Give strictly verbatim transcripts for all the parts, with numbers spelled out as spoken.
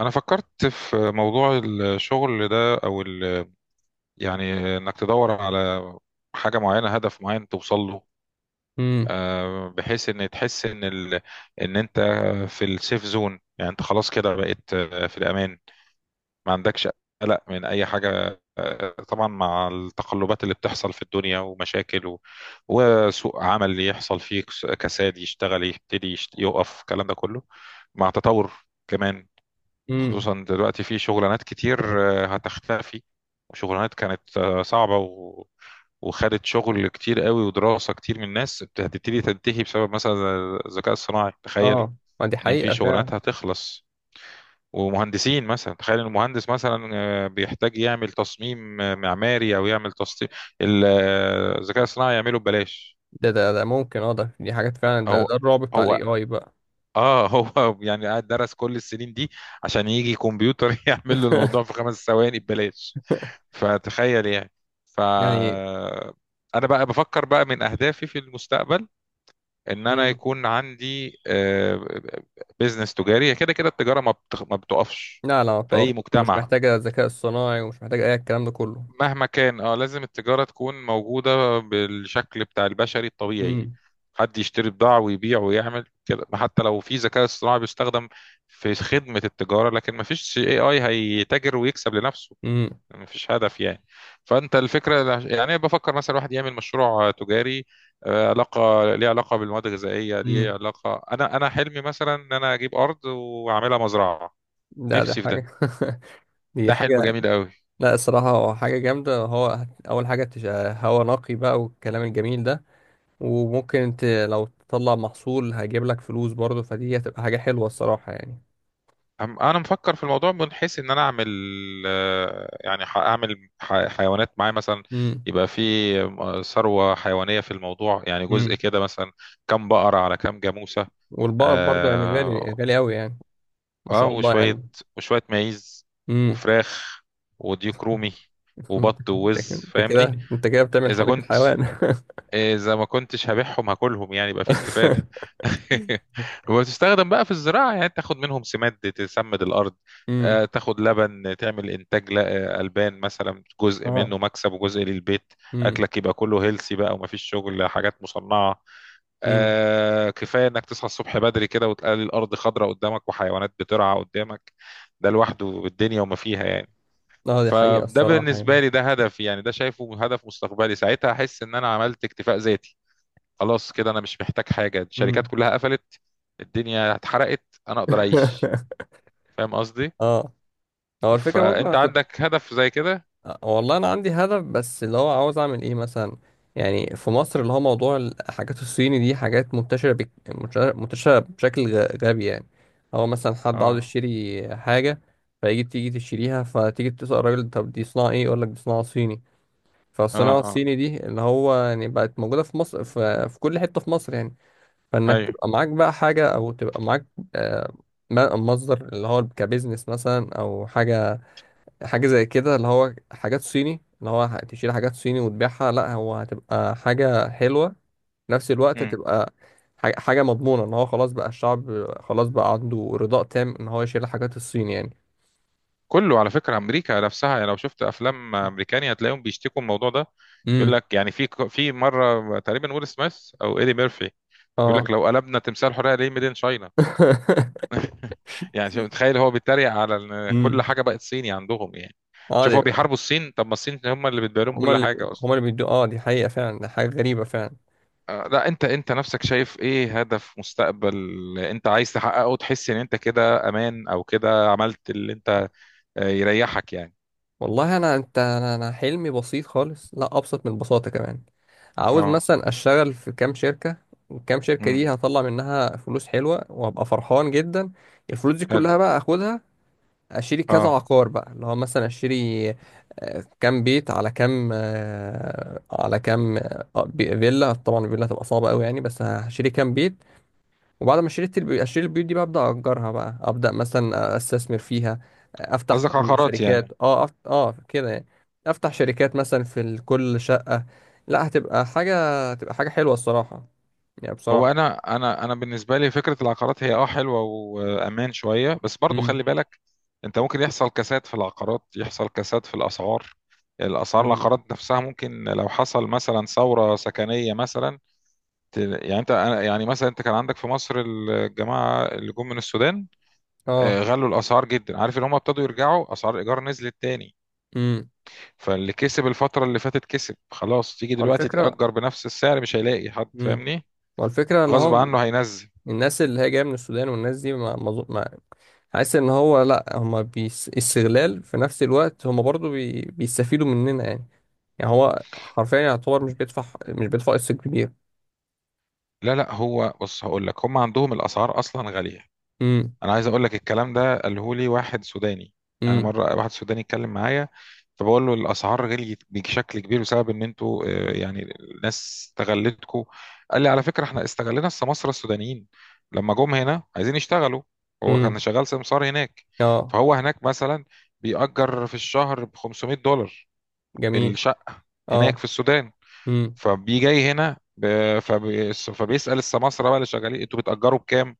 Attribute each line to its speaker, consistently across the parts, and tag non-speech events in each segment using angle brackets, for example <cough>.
Speaker 1: انا فكرت في موضوع الشغل ده او ال- يعني انك تدور على حاجه معينه، هدف معين توصل له.
Speaker 2: امم
Speaker 1: آه، بحيث ان تحس ان ال... ان انت في السيف زون، يعني انت خلاص كده بقيت آه، في الامان، ما عندكش قلق من اي حاجه. آه، طبعا مع التقلبات اللي بتحصل في الدنيا ومشاكل و... وسوق عمل يحصل فيه كس- كساد، يشتغل، يبتدي يشت... يقف الكلام ده كله مع تطور كمان.
Speaker 2: امم
Speaker 1: خصوصا دلوقتي في شغلانات كتير آه، هتختفي، وشغلانات كانت آه، صعبة و... وخدت شغل كتير قوي ودراسة كتير من الناس بت- هتبتدي تنتهي بسبب مثلا ز- الذكاء الصناعي، تخيل.
Speaker 2: اه، ما دي
Speaker 1: ان في
Speaker 2: حقيقة فعلا.
Speaker 1: شغلانات هتخلص، ومهندسين مثلا. تخيل ان المهندس مثلا آه، بيحتاج يعمل تصميم آه، معماري او يعمل تصميم ال- آه، الذكاء الصناعي يعمله ببلاش.
Speaker 2: ده ده ده ممكن، اه، ده دي حاجات فعلا. ده
Speaker 1: هو
Speaker 2: ده الرعب بتاع
Speaker 1: هو
Speaker 2: الاي اي بقى.
Speaker 1: اه هو <laughs> يعني قاعد درس كل السنين دي عشان يجي كمبيوتر <laughs> يعمل له الموضوع في
Speaker 2: <laughs>
Speaker 1: خمس ثواني ببلاش، فتخيل يعني. ف
Speaker 2: يعني.
Speaker 1: انا بقى بفكر بقى من اهدافي في المستقبل ان انا
Speaker 2: امم
Speaker 1: يكون عندي بيزنس تجاري. هي كده كده التجاره ما بتخ- ما بتقفش
Speaker 2: لا، لا،
Speaker 1: في
Speaker 2: طبعا،
Speaker 1: اي
Speaker 2: ومش
Speaker 1: مجتمع
Speaker 2: محتاجة الذكاء الصناعي ومش محتاجة اي الكلام ده كله.
Speaker 1: مهما كان. اه، لازم التجاره تكون موجوده بالشكل بتاع البشري الطبيعي،
Speaker 2: امم
Speaker 1: حد يشتري بضاعه ويبيع ويعمل كده. حتى لو في ذكاء اصطناعي بيستخدم في خدمه التجاره، لكن ما فيش اي اي هيتاجر ويكسب لنفسه،
Speaker 2: امم
Speaker 1: مفيش هدف يعني. فانت الفكره يعني بفكر مثلا الواحد يعمل مشروع تجاري آه، علاقه، ليه علاقه بالمواد الغذائيه، ليه
Speaker 2: امم
Speaker 1: علاقه. انا انا حلمي مثلا ان انا اجيب ارض واعملها مزرعه،
Speaker 2: لا، دي
Speaker 1: نفسي في ده.
Speaker 2: حاجة. <laughs> دي
Speaker 1: ده حلم
Speaker 2: حاجة.
Speaker 1: جميل قوي.
Speaker 2: لا، الصراحة هو حاجة جامدة. هو هت- أول حاجة تش- هوا نقي بقى والكلام الجميل ده. وممكن انت لو تطلع محصول هيجيب لك فلوس برضه، فدي هتبقى حاجة حلوة الصراحة يعني.
Speaker 1: أم- انا مفكر في الموضوع من حيث ان انا اعمل آه، يعني ح- اعمل ح- حيوانات معايا مثلا،
Speaker 2: امم
Speaker 1: يبقى في آه، ثروه حيوانيه في الموضوع، يعني جزء
Speaker 2: امم
Speaker 1: كده مثلا. كم بقره على كم جاموسه.
Speaker 2: والبقر برضه يعني غالي
Speaker 1: آه،
Speaker 2: غالي أوي يعني. ما
Speaker 1: اه
Speaker 2: شاء الله
Speaker 1: وشوية
Speaker 2: يعني.
Speaker 1: وشوية معيز
Speaker 2: امم
Speaker 1: وفراخ وديك رومي
Speaker 2: <laughs>
Speaker 1: وبط
Speaker 2: انت
Speaker 1: ووز،
Speaker 2: انت كده.
Speaker 1: فاهمني.
Speaker 2: انت كده بتعمل
Speaker 1: اذا
Speaker 2: حديقة
Speaker 1: كنت
Speaker 2: حيوان. <laughs>
Speaker 1: اذا ما كنتش هبيعهم هاكلهم، يعني يبقى في استفادة. <laughs> وتستخدم بقى في الزراعة، يعني تاخد منهم سماد تسمد الارض،
Speaker 2: امم
Speaker 1: آه، تاخد لبن تعمل انتاج ل- آه، البان مثلا، جزء
Speaker 2: اه.
Speaker 1: منه مكسب وجزء للبيت.
Speaker 2: امم
Speaker 1: اكلك يبقى كله هيلسي بقى، ومفيش شغل حاجات مصنعة.
Speaker 2: امم
Speaker 1: آه، كفايه انك تصحى الصبح بدري كده، وتلاقي الارض خضراء قدامك وحيوانات بترعى قدامك. ده لوحده الدنيا وما فيها يعني.
Speaker 2: اه، دي حقيقة
Speaker 1: فده
Speaker 2: الصراحة يعني.
Speaker 1: بالنسبه لي ده هدف، يعني ده شايفه هدف مستقبلي. ساعتها احس ان انا عملت اكتفاء ذاتي، خلاص كده انا مش محتاج حاجه. الشركات
Speaker 2: امم
Speaker 1: كلها قفلت، الدنيا اتحرقت، انا اقدر اعيش،
Speaker 2: <laughs>
Speaker 1: فاهم قصدي.
Speaker 2: اه. هو الفكرة برضه انا
Speaker 1: فانت
Speaker 2: كنت.
Speaker 1: عندك هدف زي كده؟
Speaker 2: آه، والله انا عندي هدف، بس اللي هو عاوز اعمل ايه مثلا. يعني في مصر اللي هو موضوع الحاجات الصيني دي حاجات منتشرة بك... منتشرة منتشرة بشكل غ- غبي يعني. هو مثلا حد عاوز
Speaker 1: اه،
Speaker 2: يشتري حاجة، فيجي تيجي تشتريها، فتيجي تسأل الراجل: طب دي صناعة ايه؟ يقول لك: دي صناعة صيني.
Speaker 1: اه،
Speaker 2: فالصناعة
Speaker 1: اه،
Speaker 2: الصيني دي اللي هو يعني بقت موجودة في مصر، في, في كل حتة في مصر يعني. فإنك
Speaker 1: ايوه.
Speaker 2: تبقى معاك بقى حاجة أو تبقى معاك آه، م- مصدر اللي هو كبزنس مثلا أو حاجة. حاجة زي كده اللي هو حاجات صيني، اللي هو ه- تشيل حاجات صيني وتبيعها. لا، هو هتبقى حاجة حلوة في نفس الوقت. تبقى ح- حاجة مضمونة إن هو خلاص بقى الشعب خلاص بقى عنده رضاء تام إن هو يشيل الحاجات الصيني يعني.
Speaker 1: كله على فكرة أمريكا نفسها، يعني لو شفت أفلام أمريكاني هتلاقيهم بيشتكوا من الموضوع ده.
Speaker 2: امم
Speaker 1: يقول لك يعني في في مرة تقريبا ويل سميث أو إيدي ميرفي يقول لك
Speaker 2: اه.
Speaker 1: لو قلبنا تمثال حرية ليه، ميدين شاينا.
Speaker 2: <laughs>
Speaker 1: <laughs> يعني شوف تخيل، هو بيتريق على إن
Speaker 2: امم
Speaker 1: كل حاجة بقت صيني عندهم يعني. شوف هو
Speaker 2: اه.
Speaker 1: بيحاربوا الصين، طب ما الصين هم اللي بتبيع لهم
Speaker 2: هما
Speaker 1: كل
Speaker 2: اللي بي-
Speaker 1: حاجة أصلا.
Speaker 2: هما اللي بيدوا. اه، دي حقيقة فعلا. ده حاجة غريبة فعلا.
Speaker 1: آه، لا، انت انت نفسك شايف ايه هدف مستقبل انت عايز تحققه، تحس ان انت كده امان، او كده عملت اللي انت آه، يريحك يعني؟
Speaker 2: والله انا انت انا أنا حلمي بسيط خالص، لا، ابسط من البساطة كمان. عاوز
Speaker 1: اه،
Speaker 2: مثلا اشتغل في كام شركة. الكام شركة
Speaker 1: امم،
Speaker 2: دي هطلع منها فلوس حلوة وابقى فرحان جدا. الفلوس دي
Speaker 1: حلو،
Speaker 2: كلها بقى اخدها، اشتري كذا
Speaker 1: اه.
Speaker 2: عقار بقى اللي هو مثلا اشتري آه، كام بيت على كام آه، على كام آه، بي- فيلا. طبعا الفيلا هتبقى صعبة قوي يعني، بس هشتري كام بيت. وبعد ما اشتريت البيوت، اشتري البيوت دي بقى ابدا اجرها بقى، ابدا مثلا استثمر فيها. افتح
Speaker 1: قصدك عقارات
Speaker 2: شركات.
Speaker 1: يعني؟
Speaker 2: اه أفت... اه كده يعني. افتح شركات مثلا في ال- كل شقة. لا، هتبقى حاجة. تبقى حاجة حلوة الصراحة يعني،
Speaker 1: هو
Speaker 2: بصراحة.
Speaker 1: انا انا انا بالنسبه لي فكره العقارات هي اه حلوه وامان شويه، بس برضو خلي
Speaker 2: امم
Speaker 1: بالك. انت ممكن يحصل كساد في العقارات، يحصل كساد في الاسعار. الاسعار،
Speaker 2: امم
Speaker 1: العقارات نفسها ممكن لو حصل مثلا ثوره سكنيه مثلا، ت- يعني انت، أنا- يعني مثلا انت كان عندك في مصر الجماعه اللي جم من السودان،
Speaker 2: اه.
Speaker 1: آه، غلوا الاسعار جدا. عارف اللي هم ابتدوا يرجعوا، اسعار الايجار نزلت تاني.
Speaker 2: امم
Speaker 1: فاللي كسب الفتره اللي فاتت كسب خلاص. تيجي دلوقتي
Speaker 2: والفكرة
Speaker 1: تأجر بنفس السعر، مش هيلاقي حد،
Speaker 2: امم
Speaker 1: فاهمني.
Speaker 2: والفكرة اللي
Speaker 1: غصب
Speaker 2: هو
Speaker 1: عنه هينزل.
Speaker 2: الناس اللي هي جاية من السودان، والناس دي ما ما أظن- حاسس ان هو لا هما بيس... استغلال، في نفس الوقت هما برضو بي... بيستفيدوا مننا يعني. يعني هو حرفيا يعتبر مش بيدفع مش بيدفع قسط كبير.
Speaker 1: لا لا، هو بص هقول لك، هم عندهم الاسعار اصلا غاليه.
Speaker 2: امم
Speaker 1: انا عايز اقول لك الكلام ده قاله لي واحد سوداني، يعني
Speaker 2: امم
Speaker 1: مره واحد سوداني اتكلم معايا. فبقول له الاسعار غليت بشكل كبير بسبب ان انتوا آه، يعني الناس استغلتكم. قال لي على فكره احنا استغلنا السماسره السودانيين لما جم هنا عايزين يشتغلوا. هو
Speaker 2: امم
Speaker 1: كان شغال سمسار هناك.
Speaker 2: اه.
Speaker 1: فهو هناك مثلا بيأجر في الشهر ب خمسمية دولار
Speaker 2: جميل.
Speaker 1: الشقه،
Speaker 2: اه.
Speaker 1: هناك في السودان.
Speaker 2: امم
Speaker 1: فبيجي جاي هنا ب- فبي- فبيسأل السماسرة بقى اللي شغالين، انتوا بتأجروا بكام؟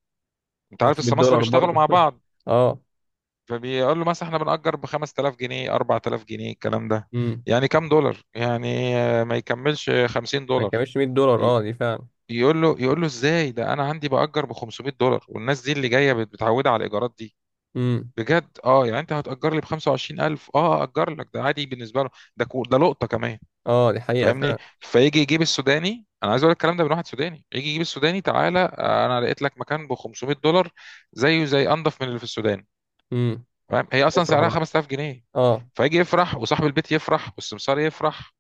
Speaker 1: انت عارف
Speaker 2: 500
Speaker 1: السماسرة
Speaker 2: دولار
Speaker 1: بيشتغلوا
Speaker 2: برضه.
Speaker 1: مع
Speaker 2: <laughs>
Speaker 1: بعض.
Speaker 2: اه.
Speaker 1: فبيقول له مثلا احنا بنأجر ب خمسة آلاف جنيه، اربعة آلاف جنيه الكلام ده.
Speaker 2: امم
Speaker 1: يعني كام دولار؟ يعني آه، ما يكملش 50
Speaker 2: ما
Speaker 1: دولار
Speaker 2: كانش مائة دولار.
Speaker 1: ي-
Speaker 2: اه، دي فعلا.
Speaker 1: يقول له، يقول له ازاي ده انا عندي بأجر ب خمسمائة دولار، والناس دي اللي جايه بت- متعوده على الايجارات دي
Speaker 2: امم
Speaker 1: بجد. اه، يعني انت هتأجر لي ب خمسة وعشرين ألف، اه أجر لك، ده عادي بالنسبه له. ده كو- ده لقطه كمان،
Speaker 2: اه، دي حقيقة
Speaker 1: فاهمني.
Speaker 2: فعلا.
Speaker 1: فيجي يجيب السوداني، انا عايز اقول لك الكلام ده من واحد سوداني، يجي يجيب السوداني، تعالى آه، انا لقيت لك مكان ب خمسمية دولار، زيه زي، انضف من اللي في السودان،
Speaker 2: امم
Speaker 1: فاهم. هي اصلا
Speaker 2: افرح
Speaker 1: سعرها
Speaker 2: بقى.
Speaker 1: خمستلاف جنيه.
Speaker 2: اه.
Speaker 1: فيجي يفرح وصاحب البيت يفرح والسمسار يفرح،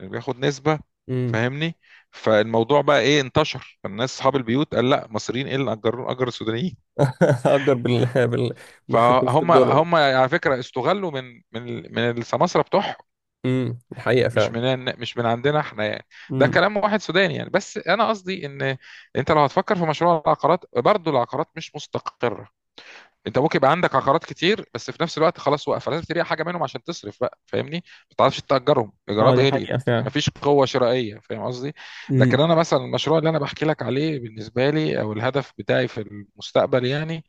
Speaker 1: اللي بياخد نسبة،
Speaker 2: امم
Speaker 1: فاهمني. فالموضوع بقى ايه؟ انتشر الناس اصحاب البيوت قال، لا مصريين ايه اللي اجروا، اجر السودانيين.
Speaker 2: <laughs> اجر بال بال 500
Speaker 1: فهم
Speaker 2: دولار
Speaker 1: هم على فكرة استغلوا من من من السماسرة بتوعهم،
Speaker 2: امم دي حقيقة
Speaker 1: مش
Speaker 2: فعلا.
Speaker 1: من مش من عندنا احنا يعني. ده
Speaker 2: امم
Speaker 1: كلام واحد سوداني يعني. بس انا قصدي ان انت لو هتفكر في مشروع العقارات، برضه العقارات مش مستقره. انت ممكن يبقى عندك عقارات كتير، بس في نفس الوقت خلاص واقفه، لازم تبيع حاجه منهم عشان تصرف بقى، فاهمني، ما تعرفش تاجرهم،
Speaker 2: اه،
Speaker 1: الايجارات
Speaker 2: دي
Speaker 1: غليت،
Speaker 2: حقيقة فعلا.
Speaker 1: مفيش قوه شرائيه، فاهم قصدي. لكن انا مثلا المشروع اللي انا بحكي لك عليه بالنسبه لي، او الهدف بتاعي في المستقبل يعني،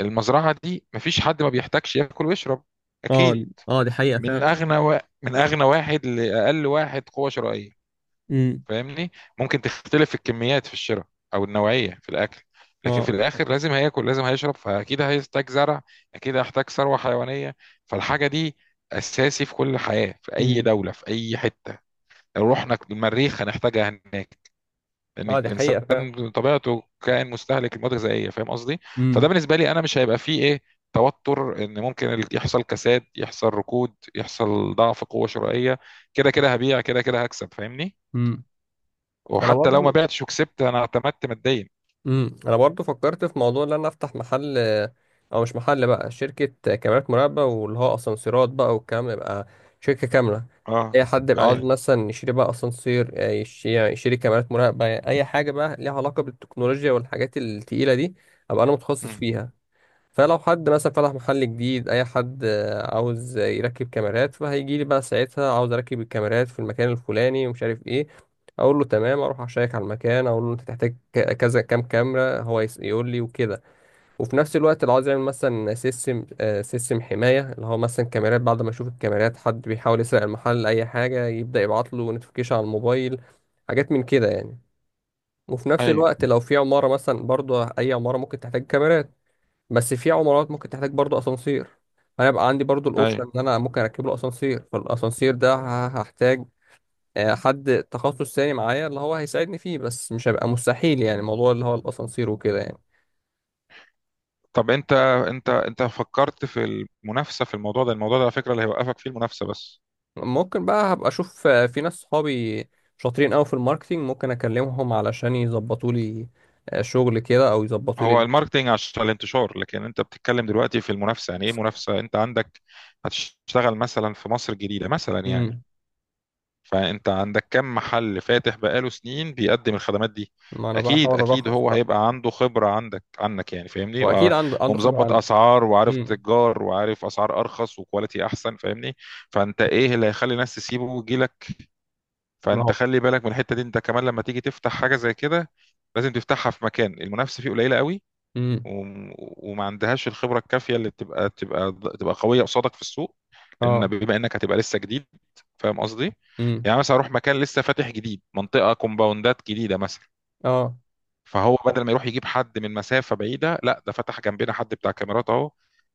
Speaker 1: المزرعه دي، مفيش حد ما بيحتاجش ياكل ويشرب،
Speaker 2: اه
Speaker 1: اكيد.
Speaker 2: اه دي حقيقة
Speaker 1: من
Speaker 2: فعلا.
Speaker 1: اغنى و... من اغنى واحد لاقل واحد قوه شرائيه،
Speaker 2: امم
Speaker 1: فاهمني. ممكن تختلف في الكميات في الشراء، او النوعيه في الاكل، لكن
Speaker 2: اه.
Speaker 1: في الاخر لازم هياكل لازم هيشرب، فاكيد هيحتاج زرع، اكيد هيحتاج ثروه حيوانيه. فالحاجه دي اساسي في كل حياه، في اي
Speaker 2: امم
Speaker 1: دوله، في اي حته. لو رحنا المريخ هنحتاجها هناك، لان
Speaker 2: اه، دي حقيقة فعلا.
Speaker 1: الانسان طبيعته كائن مستهلك المواد الغذائيه، فاهم قصدي.
Speaker 2: امم
Speaker 1: فده بالنسبه لي انا مش هيبقى فيه ايه، توتر. ان ممكن ال- يحصل كساد، يحصل ركود، يحصل ضعف قوه شرائيه. كده كده هبيع، كده كده هكسب، فاهمني.
Speaker 2: امم انا
Speaker 1: وحتى لو ما
Speaker 2: برضو
Speaker 1: بعتش وكسبت انا، اعتمدت ماديا.
Speaker 2: امم انا برضو فكرت في موضوع ان انا افتح محل، او مش محل بقى، شركة كاميرات مراقبة، واللي هو اسانسيرات بقى والكلام ده يبقى شركة كاملة.
Speaker 1: اه،
Speaker 2: اي حد يبقى عاوز
Speaker 1: ايوه،
Speaker 2: مثلا يشتري بقى اسانسير، آه، يش- يشتري كاميرات مراقبة، اي حاجة بقى ليها علاقة بالتكنولوجيا والحاجات التقيلة دي، ابقى انا متخصص
Speaker 1: مم.
Speaker 2: فيها. فلو حد مثلا فتح محل جديد، اي حد آه، عاوز يركب كاميرات، فهيجي لي بقى ساعتها: عاوز اركب الكاميرات في المكان الفلاني ومش عارف ايه. اقول له تمام، اروح اشيك على المكان، اقول له انت تحتاج ك- كذا، كام كاميرا، هو يس- يقول لي، وكده. وفي نفس الوقت لو عاوز يعمل مثلا سيستم آه، سيستم حمايه، اللي هو مثلا كاميرات بعد ما يشوف الكاميرات حد بيحاول يسرق المحل اي حاجه، يبدا يبعت له نوتيفيكيشن على الموبايل. حاجات من كده يعني. وفي نفس
Speaker 1: ايوه،
Speaker 2: الوقت لو في عماره مثلا، برضه اي عماره ممكن تحتاج كاميرات، بس في عمارات ممكن تحتاج برضو اسانسير. انا بقى عندي برضو الاوبشن
Speaker 1: ايوه.
Speaker 2: ان انا ممكن اركب له اسانسير. فالاسانسير ده ه- هحتاج آه، حد تخصص تاني معايا، اللي هو هيساعدني فيه، بس مش هيبقى مستحيل يعني موضوع اللي هو الاسانسير وكده يعني.
Speaker 1: طب انت، انت انت فكرت في المنافسه في الموضوع ده؟ الموضوع ده على فكره اللي هيوقفك فيه المنافسه بس.
Speaker 2: ممكن بقى هبقى اشوف، آه، في ناس صحابي شاطرين قوي في الماركتينج، ممكن اكلمهم علشان يظبطوا لي آه، شغل كده، او يظبطوا
Speaker 1: هو
Speaker 2: لي.
Speaker 1: الماركتينج عشان الانتشار، لكن انت بتتكلم دلوقتي في المنافسه. يعني ايه منافسه انت عندك؟ هتشتغل مثلا في مصر الجديده مثلا يعني؟
Speaker 2: امم
Speaker 1: فانت عندك كم محل فاتح بقاله سنين بيقدم الخدمات دي.
Speaker 2: ما انا بقى
Speaker 1: اكيد،
Speaker 2: احاول
Speaker 1: اكيد
Speaker 2: ارخص
Speaker 1: هو
Speaker 2: بقى.
Speaker 1: هيبقى عنده خبرة عندك، عنك يعني فاهمني،
Speaker 2: هو
Speaker 1: و-
Speaker 2: اكيد عنده عنده خبرة
Speaker 1: ومظبط
Speaker 2: عنه.
Speaker 1: اسعار، وعارف
Speaker 2: امم
Speaker 1: تجار، وعارف اسعار ارخص، وكواليتي احسن، فاهمني. فانت ايه اللي هيخلي الناس تسيبه ويجيلك؟
Speaker 2: ما
Speaker 1: فانت
Speaker 2: هو.
Speaker 1: خلي بالك من الحتة دي. انت كمان لما تيجي تفتح حاجة زي كده، لازم تفتحها في مكان المنافسة فيه قليلة قوي،
Speaker 2: امم
Speaker 1: وم- وما عندهاش الخبره الكافيه اللي تبقى تبقى تبقى قويه قصادك في السوق. لان
Speaker 2: اه.
Speaker 1: بما انك هتبقى لسه جديد، فاهم قصدي.
Speaker 2: امم
Speaker 1: يعني مثلا اروح مكان لسه فاتح جديد، منطقه كومباوندات جديده مثلا،
Speaker 2: اه.
Speaker 1: فهو بدل ما يروح يجيب حد من مسافه بعيده، لا ده فتح جنبنا حد بتاع كاميرات اهو،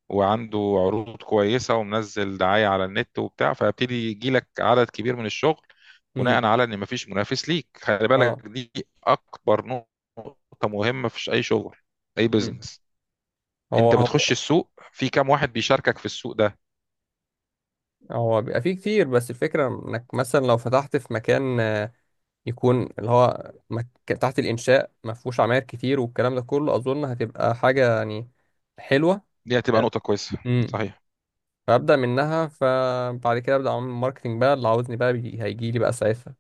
Speaker 1: وعنده عروض كويسه، ومنزل دعايه على النت وبتاع، فيبتدي يجي لك عدد كبير من الشغل،
Speaker 2: امم
Speaker 1: بناء على ان مفيش منافس ليك. خلي بالك
Speaker 2: اه.
Speaker 1: دي اكبر نقطه مهمه في اي شغل، اي
Speaker 2: مم.
Speaker 1: بزنس.
Speaker 2: هو
Speaker 1: انت
Speaker 2: هو
Speaker 1: بتخش السوق في كام واحد بيشاركك في السوق ده.
Speaker 2: هو بيبقى فيه كتير، بس الفكرة انك مثلا لو فتحت في مكان آه، يكون اللي هو مك... تحت الإنشاء، ما فيهوش عماير كتير والكلام ده كله، أظن هتبقى حاجة يعني حلوة.
Speaker 1: دي هتبقى نقطة كويسة،
Speaker 2: امم
Speaker 1: صحيح.
Speaker 2: فأبدأ منها. فبعد كده أبدأ أعمل ماركتينج بقى، اللي عاوزني بقى بي... هيجي لي بقى ساعتها.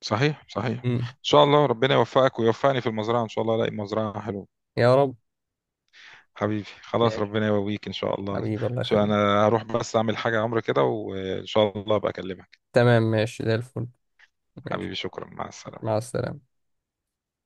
Speaker 1: صحيح صحيح
Speaker 2: امم
Speaker 1: ان شاء الله ربنا يوفقك ويوفقني في المزرعة، ان شاء الله الاقي مزرعة حلوة.
Speaker 2: يا رب.
Speaker 1: حبيبي خلاص،
Speaker 2: ماشي.
Speaker 1: ربنا يقويك ان شاء الله.
Speaker 2: حبيبي الله
Speaker 1: شو
Speaker 2: يخليك.
Speaker 1: انا هروح بس اعمل حاجة عمري كده، وان شاء الله ابقى اكلمك.
Speaker 2: تمام ماشي زي الفل. ماشي.
Speaker 1: حبيبي شكرا، مع
Speaker 2: ماشي،
Speaker 1: السلامة.
Speaker 2: مع السلامة.